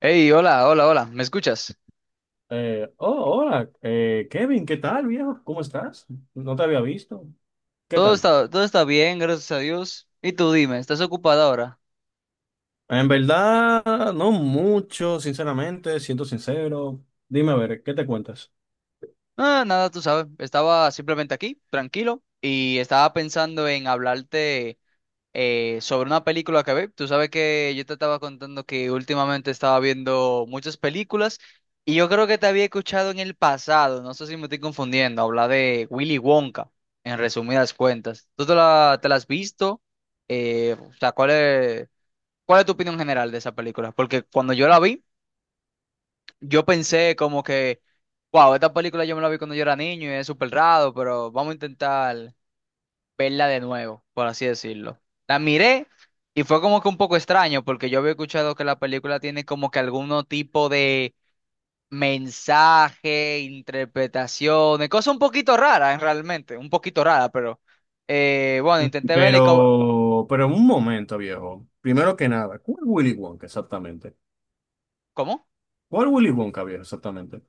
Hey, hola, hola, hola, ¿me escuchas? Oh, Hola, Kevin, ¿qué tal, viejo? ¿Cómo estás? No te había visto. ¿Qué Todo tal? está, todo está bien, gracias a Dios. Y tú dime, ¿estás ocupada ahora? En verdad, no mucho, sinceramente, siento sincero. Dime a ver, ¿qué te cuentas? Ah, nada, tú sabes, estaba simplemente aquí, tranquilo, y estaba pensando en hablarte sobre una película que ve. Tú sabes que yo te estaba contando que últimamente estaba viendo muchas películas y yo creo que te había escuchado en el pasado, no sé si me estoy confundiendo, hablar de Willy Wonka, en resumidas cuentas. ¿Tú te la has visto? O sea, ¿cuál es? ¿Cuál es tu opinión general de esa película? Porque cuando yo la vi, yo pensé como que, wow, esta película yo me la vi cuando yo era niño y es súper raro, pero vamos a intentar verla de nuevo, por así decirlo. La miré y fue como que un poco extraño, porque yo había escuchado que la película tiene como que algún tipo de mensaje, interpretaciones, cosas un poquito raras realmente, un poquito raras, pero bueno, Mm. intenté verla y como... Pero en un momento, viejo. Primero que nada, ¿cuál Willy Wonka exactamente? ¿Cómo? ¿Cuál Willy Wonka, viejo, exactamente?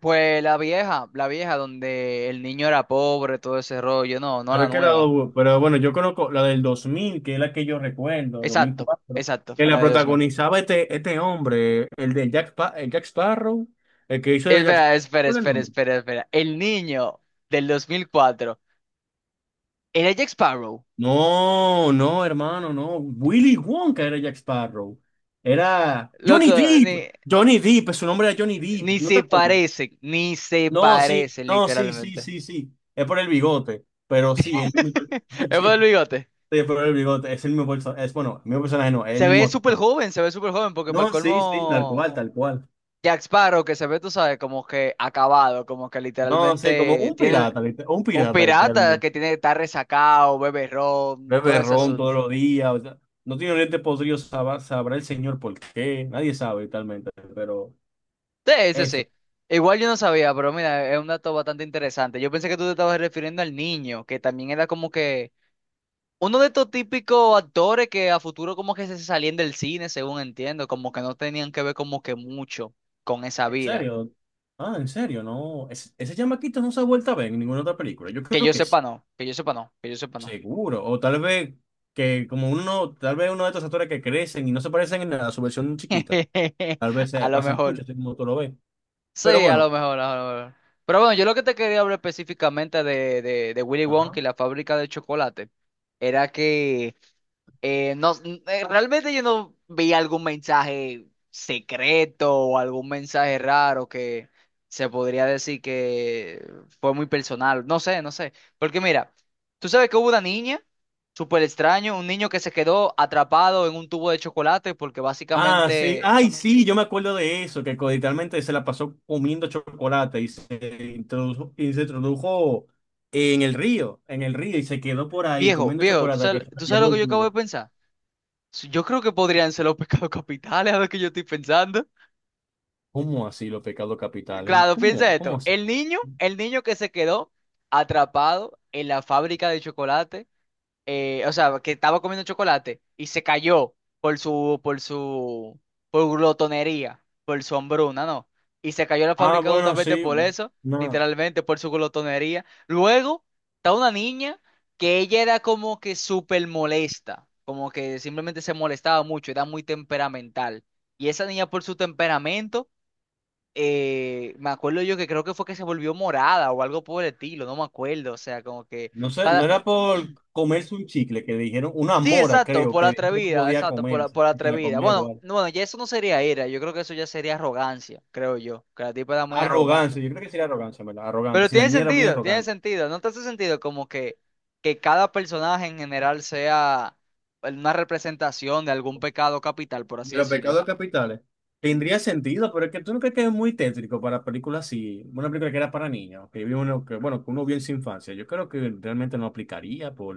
Pues la vieja donde el niño era pobre, todo ese rollo, no, no Pero, la es que la nueva. Pero bueno, yo conozco la del 2000, que es la que yo recuerdo, Exacto, 2004, exacto, que la la de 2000. protagonizaba este hombre, el de Jack, el Jack Sparrow, el que hizo de Jack Espera, Sparrow. espera, ¿Cuál es el espera, nombre? espera, espera. El niño del 2004, era Jack Sparrow. No, no, hermano, no. Willy Wonka era Jack Sparrow. Era Johnny Loco, Depp. ni, Johnny Depp, su nombre era Johnny Depp. ni ¿No te se acuerdas? parecen, ni se No, sí, parecen no, sí, sí, literalmente. sí, sí. Es por el bigote, pero sí, el mismo. Es por el bigote. Sí, es el bigote, es el mismo personaje. Es, bueno, el mismo personaje no, es el Se ve mismo. súper joven, se ve súper joven, porque para el No, sí, sí, tal colmo cual, tal cual. Jack Sparrow que se ve, tú sabes, como que acabado, como que No, sé, como literalmente un tiene pirata, un un pirata pirata literalmente. que tiene que estar resacado, bebe ron, todo Bebe ese ron asunto. todos los días, o sea, no tiene dientes podridos, sabrá el señor por qué, nadie sabe literalmente, pero Sí, sí eso. sí. Igual yo no sabía, pero mira, es un dato bastante interesante. Yo pensé que tú te estabas refiriendo al niño, que también era como que uno de estos típicos actores que a futuro como que se salían del cine, según entiendo, como que no tenían que ver como que mucho con esa En vida. serio, ah, en serio, no. Ese chamaquito no se ha vuelto a ver en ninguna otra película, yo Que creo yo que sí, sepa no, que yo sepa no, que yo sepa no. seguro, o tal vez que como uno, tal vez uno de estos actores que crecen y no se parecen en nada, a su versión chiquita, tal vez se A lo pasan mucho, mejor. así como tú lo ves, pero Sí, a bueno. lo mejor, a lo mejor. Pero bueno, yo lo que te quería hablar específicamente de Willy Wonka Ajá. y la fábrica de chocolate era que no, realmente yo no vi algún mensaje secreto o algún mensaje raro que se podría decir que fue muy personal. No sé, no sé. Porque mira, tú sabes que hubo una niña súper extraño, un niño que se quedó atrapado en un tubo de chocolate porque Ah, sí. básicamente, Ay, sí, yo me acuerdo de eso, que literalmente se la pasó comiendo chocolate y se introdujo en el río, y se quedó por ahí viejo, comiendo viejo, chocolate que se la tú sabes lo llevó que el yo acabo de tubo. pensar? Sí, yo creo que podrían ser los pecados capitales, a lo que yo estoy pensando. ¿Cómo así los pecados capitales? Claro, ¿Cómo, piensa cómo esto. así? El niño que se quedó atrapado en la fábrica de chocolate o sea, que estaba comiendo chocolate y se cayó por su, por glotonería, por su hambruna, ¿no? Y se cayó la Ah, fábrica bueno, justamente sí. por eso, No, literalmente, por su glotonería. Luego está una niña que ella era como que súper molesta, como que simplemente se molestaba mucho, era muy temperamental. Y esa niña por su temperamento, me acuerdo yo que creo que fue que se volvió morada o algo por el estilo, no me acuerdo, o sea, como que... no sé, no Cada, era por comerse un chicle que le dijeron, una Sí, mora, exacto, creo, por que le dijeron que no atrevida, podía exacto, comerse, por y si la atrevida. comía Bueno, igual. no, bueno, ya eso no sería ira, yo creo que eso ya sería arrogancia, creo yo, que la tipa era muy arrogante. Arrogancia, yo creo que sí era arrogancia, ¿verdad? Arrogante. Pero Si la niña era muy tiene arrogante. sentido, ¿no te hace sentido como que cada personaje en general sea una representación de algún pecado capital, por así De los decirlo? pecados capitales. Tendría sentido, pero es que tú no crees que es muy tétrico para películas así, una película que era para niños, que vio uno que, bueno, que uno vio en su infancia. Yo creo que realmente no aplicaría por,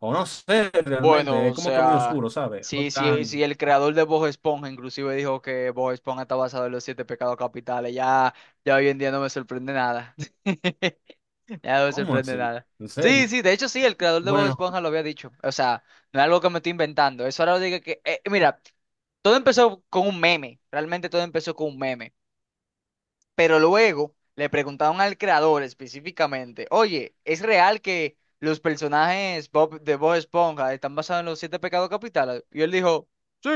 o no sé, Bueno, realmente, es o como que muy sea, oscuro, ¿sabes? No sí, sí, sí. tan, El creador de Bob Esponja inclusive dijo que Bob Esponja está basado en los siete pecados capitales, ya, ya hoy en día no me sorprende nada. Ya no me ¿cómo sorprende así? nada. ¿En Sí, serio? sí, de hecho sí, el creador de Bob Bueno, Esponja lo había dicho. O sea, no es algo que me estoy inventando. Eso ahora lo digo que... mira, todo empezó con un meme. Realmente todo empezó con un meme. Pero luego le preguntaron al creador específicamente, oye, ¿es real que los personajes Bob, de Bob Esponja están basados en los siete pecados capitales? Y él dijo, sí.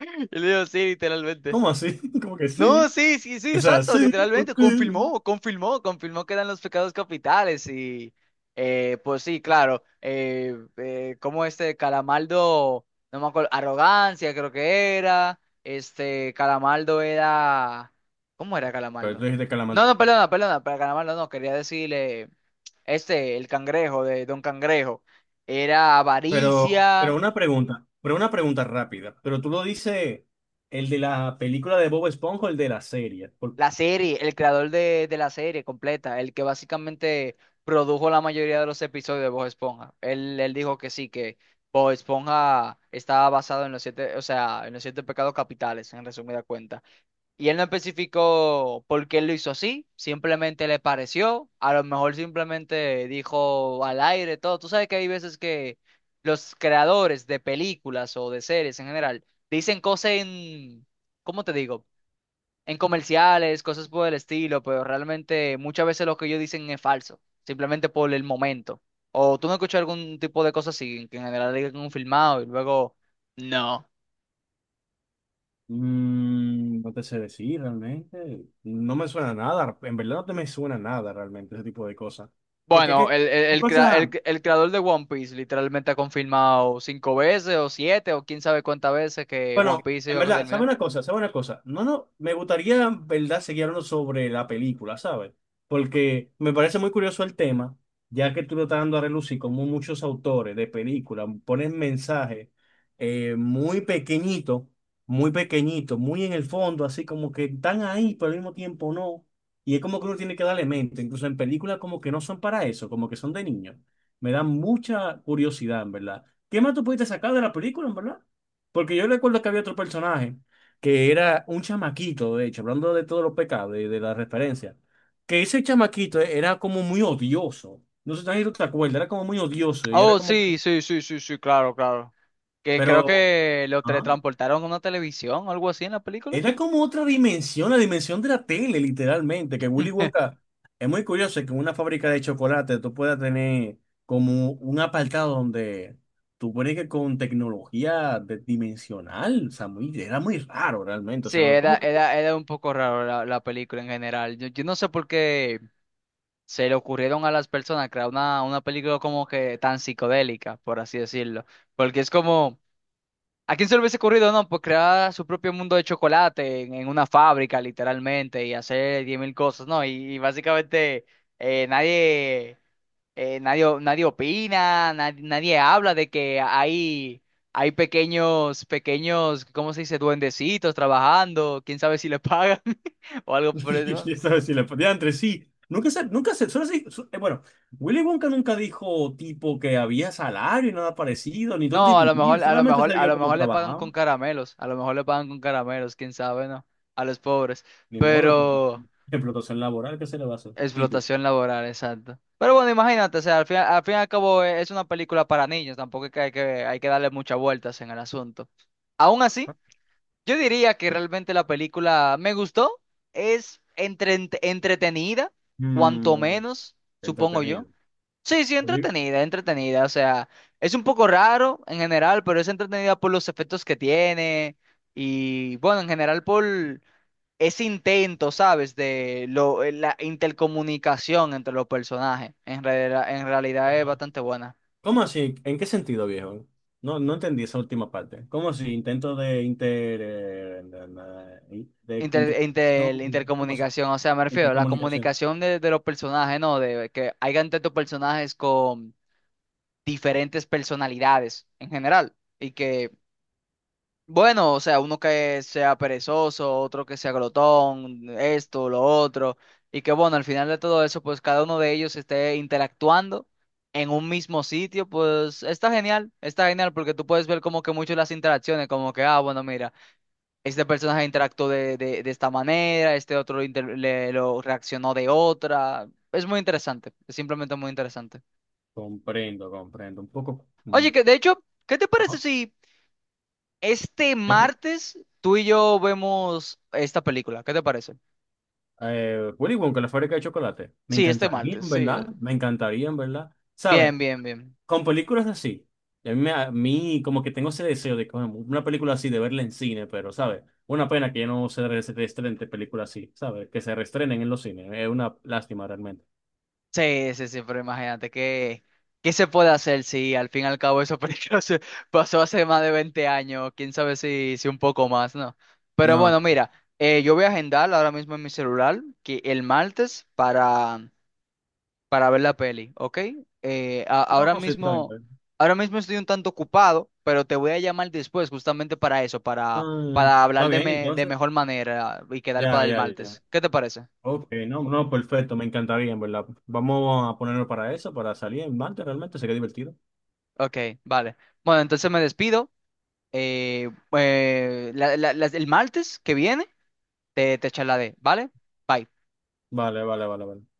Y él dijo, sí, literalmente. ¿cómo así? Como que No, sí, sí, sí, sí, o sea, exacto, sí, ¿por literalmente, qué? confirmó, confirmó, confirmó que eran los pecados capitales y pues sí, claro, como este Calamaldo, no me acuerdo, arrogancia creo que era, este Calamaldo era, ¿cómo era Pero Calamaldo? tú dijiste Calamar No, no, Brothers. perdona, perdona, para Calamaldo no, quería decirle, este, el cangrejo de Don Cangrejo, era Pero avaricia. una pregunta, una pregunta rápida. Pero tú lo dices, ¿el de la película de Bob Esponja o el de la serie? La serie, el creador de la serie completa, el que básicamente produjo la mayoría de los episodios de Bob Esponja. Él dijo que sí, que Bob Esponja estaba basado en los siete, o sea, en los siete pecados capitales, en resumida cuenta. Y él no especificó por qué lo hizo así, simplemente le pareció, a lo mejor simplemente dijo al aire todo. Tú sabes que hay veces que los creadores de películas o de series en general dicen cosas en, ¿cómo te digo? En comerciales, cosas por el estilo, pero realmente muchas veces lo que ellos dicen es falso, simplemente por el momento. O tú no escuchas algún tipo de cosa así, que en general digan un filmado y luego no. Mm, no te sé decir realmente. No me suena nada. En verdad no te me suena nada realmente ese tipo de cosas. Porque Bueno, qué el, el, son el, crea- cosas. el- el creador de One Piece literalmente ha confirmado cinco veces o siete o quién sabe cuántas veces que Bueno, One Piece en iba a verdad, ¿sabe terminar. una cosa? ¿Sabe una cosa? No, no, me gustaría, en verdad, seguir hablando sobre la película, ¿sabes? Porque me parece muy curioso el tema, ya que tú lo estás dando a relucir, como muchos autores de películas ponen mensajes muy pequeñitos, muy pequeñitos, muy en el fondo, así como que están ahí, pero al mismo tiempo no. Y es como que uno tiene que darle mente, incluso en películas como que no son para eso, como que son de niños. Me da mucha curiosidad, en verdad. ¿Qué más tú pudiste sacar de la película, en verdad? Porque yo recuerdo que había otro personaje que era un chamaquito, de hecho, hablando de todos los pecados, de la referencia, que ese chamaquito era como muy odioso. No sé si tú te acuerdas, era como muy odioso y era Oh, como, que- sí, sí, sí, sí, sí, claro, claro. Que creo pero, que lo ah, teletransportaron a una televisión o algo así en la película. era como otra dimensión, la dimensión de la tele, literalmente, que Willy Wonka, es muy curioso que en una fábrica de chocolate tú puedas tener como un apartado donde tú pones que con tecnología dimensional, o sea, muy, era muy raro realmente, o Sí, sea, no- era, como que era, era un poco raro la película en general. Yo no sé por qué se le ocurrieron a las personas crear una película como que tan psicodélica, por así decirlo. Porque es como, ¿a quién se le hubiese ocurrido, no? Pues crear su propio mundo de chocolate en una fábrica, literalmente, y hacer diez mil cosas, ¿no? Y básicamente nadie nadie opina, nadie habla de que hay pequeños, ¿cómo se dice? Duendecitos trabajando, quién sabe si le pagan o algo por eso. ya sabes, si la pateaba entre sí. Nunca se, nunca se, bueno, Willy Wonka nunca dijo tipo que había salario, nada parecido, ni dónde No, a lo vivir, mejor, a lo solamente mejor, se a vio lo cómo mejor le pagan trabajaba. con caramelos, a lo mejor le pagan con caramelos, quién sabe, ¿no? A los pobres. Ni modo, Pero explotación, explotación laboral, ¿qué se le va a hacer? Típico. explotación laboral, exacto. Pero bueno, imagínate, o sea, al fin y al cabo es una película para niños, tampoco es que hay que, hay que darle muchas vueltas en el asunto. Aún así. Yo diría que realmente la película me gustó, es entretenida, cuanto Mm, menos, supongo yo. entretenido. Sí, sí, Yo digo, entretenida, entretenida, o sea, es un poco raro en general, pero es entretenida por los efectos que tiene y bueno, en general por ese intento, ¿sabes? De la intercomunicación entre los personajes. En realidad es eh, bastante buena. ¿cómo así? ¿En qué sentido, viejo? No, no entendí esa última parte. ¿Cómo así? Intento de inter... de Inter, inter... no, inter- ¿cómo así? intercomunicación, o sea, me refiero a la Intercomunicación. comunicación de los personajes, ¿no? De que hayan tantos personajes con diferentes personalidades en general. Y que, bueno, o sea, uno que sea perezoso, otro que sea glotón, esto, lo otro. Y que, bueno, al final de todo eso, pues cada uno de ellos esté interactuando en un mismo sitio, pues está genial porque tú puedes ver como que mucho las interacciones, como que, ah, bueno, mira este personaje interactuó de esta manera, este otro le, lo reaccionó de otra. Es muy interesante, es simplemente muy interesante. Comprendo, comprendo. Un poco. Oye, que de hecho, ¿qué te parece Ajá. si este Dime. martes tú y yo vemos esta película? ¿Qué te parece? Willy Wonka, la fábrica de chocolate. Me Sí, este encantaría, martes, en sí. verdad. Me encantaría, en verdad. Bien, ¿Sabes? bien, bien. Con películas así. A mí, a mí como que tengo ese deseo de coño, una película así, de verla en cine, pero, ¿sabes? Una pena que ya no se se reestrenen películas así, ¿sabes? Que se reestrenen en los cines. Es una lástima realmente. Sí, sí, sí, pero imagínate que, ¿qué se puede hacer si al fin y al cabo eso se pasó hace más de 20 años? Quién sabe si un poco más, ¿no? Pero No, bueno, mira, yo voy a agendar ahora mismo en mi celular que el martes para ver la peli, ¿ok? Ahora no, sí, está bien. mismo, Está bien. Estoy un tanto ocupado, pero te voy a llamar después justamente para eso, Ah, para está hablar de, bien, me- de entonces. mejor manera y quedar para Ya, el ya, ya. martes. ¿Qué te parece? Ok, no, no, perfecto, me encantaría, en verdad. Vamos a ponernos para eso, para salir en Mante, realmente sería divertido. Ok, vale. Bueno, entonces me despido. Eh, el martes que viene te charlaré, ¿vale? Bye. Vale, vale, vale, vale.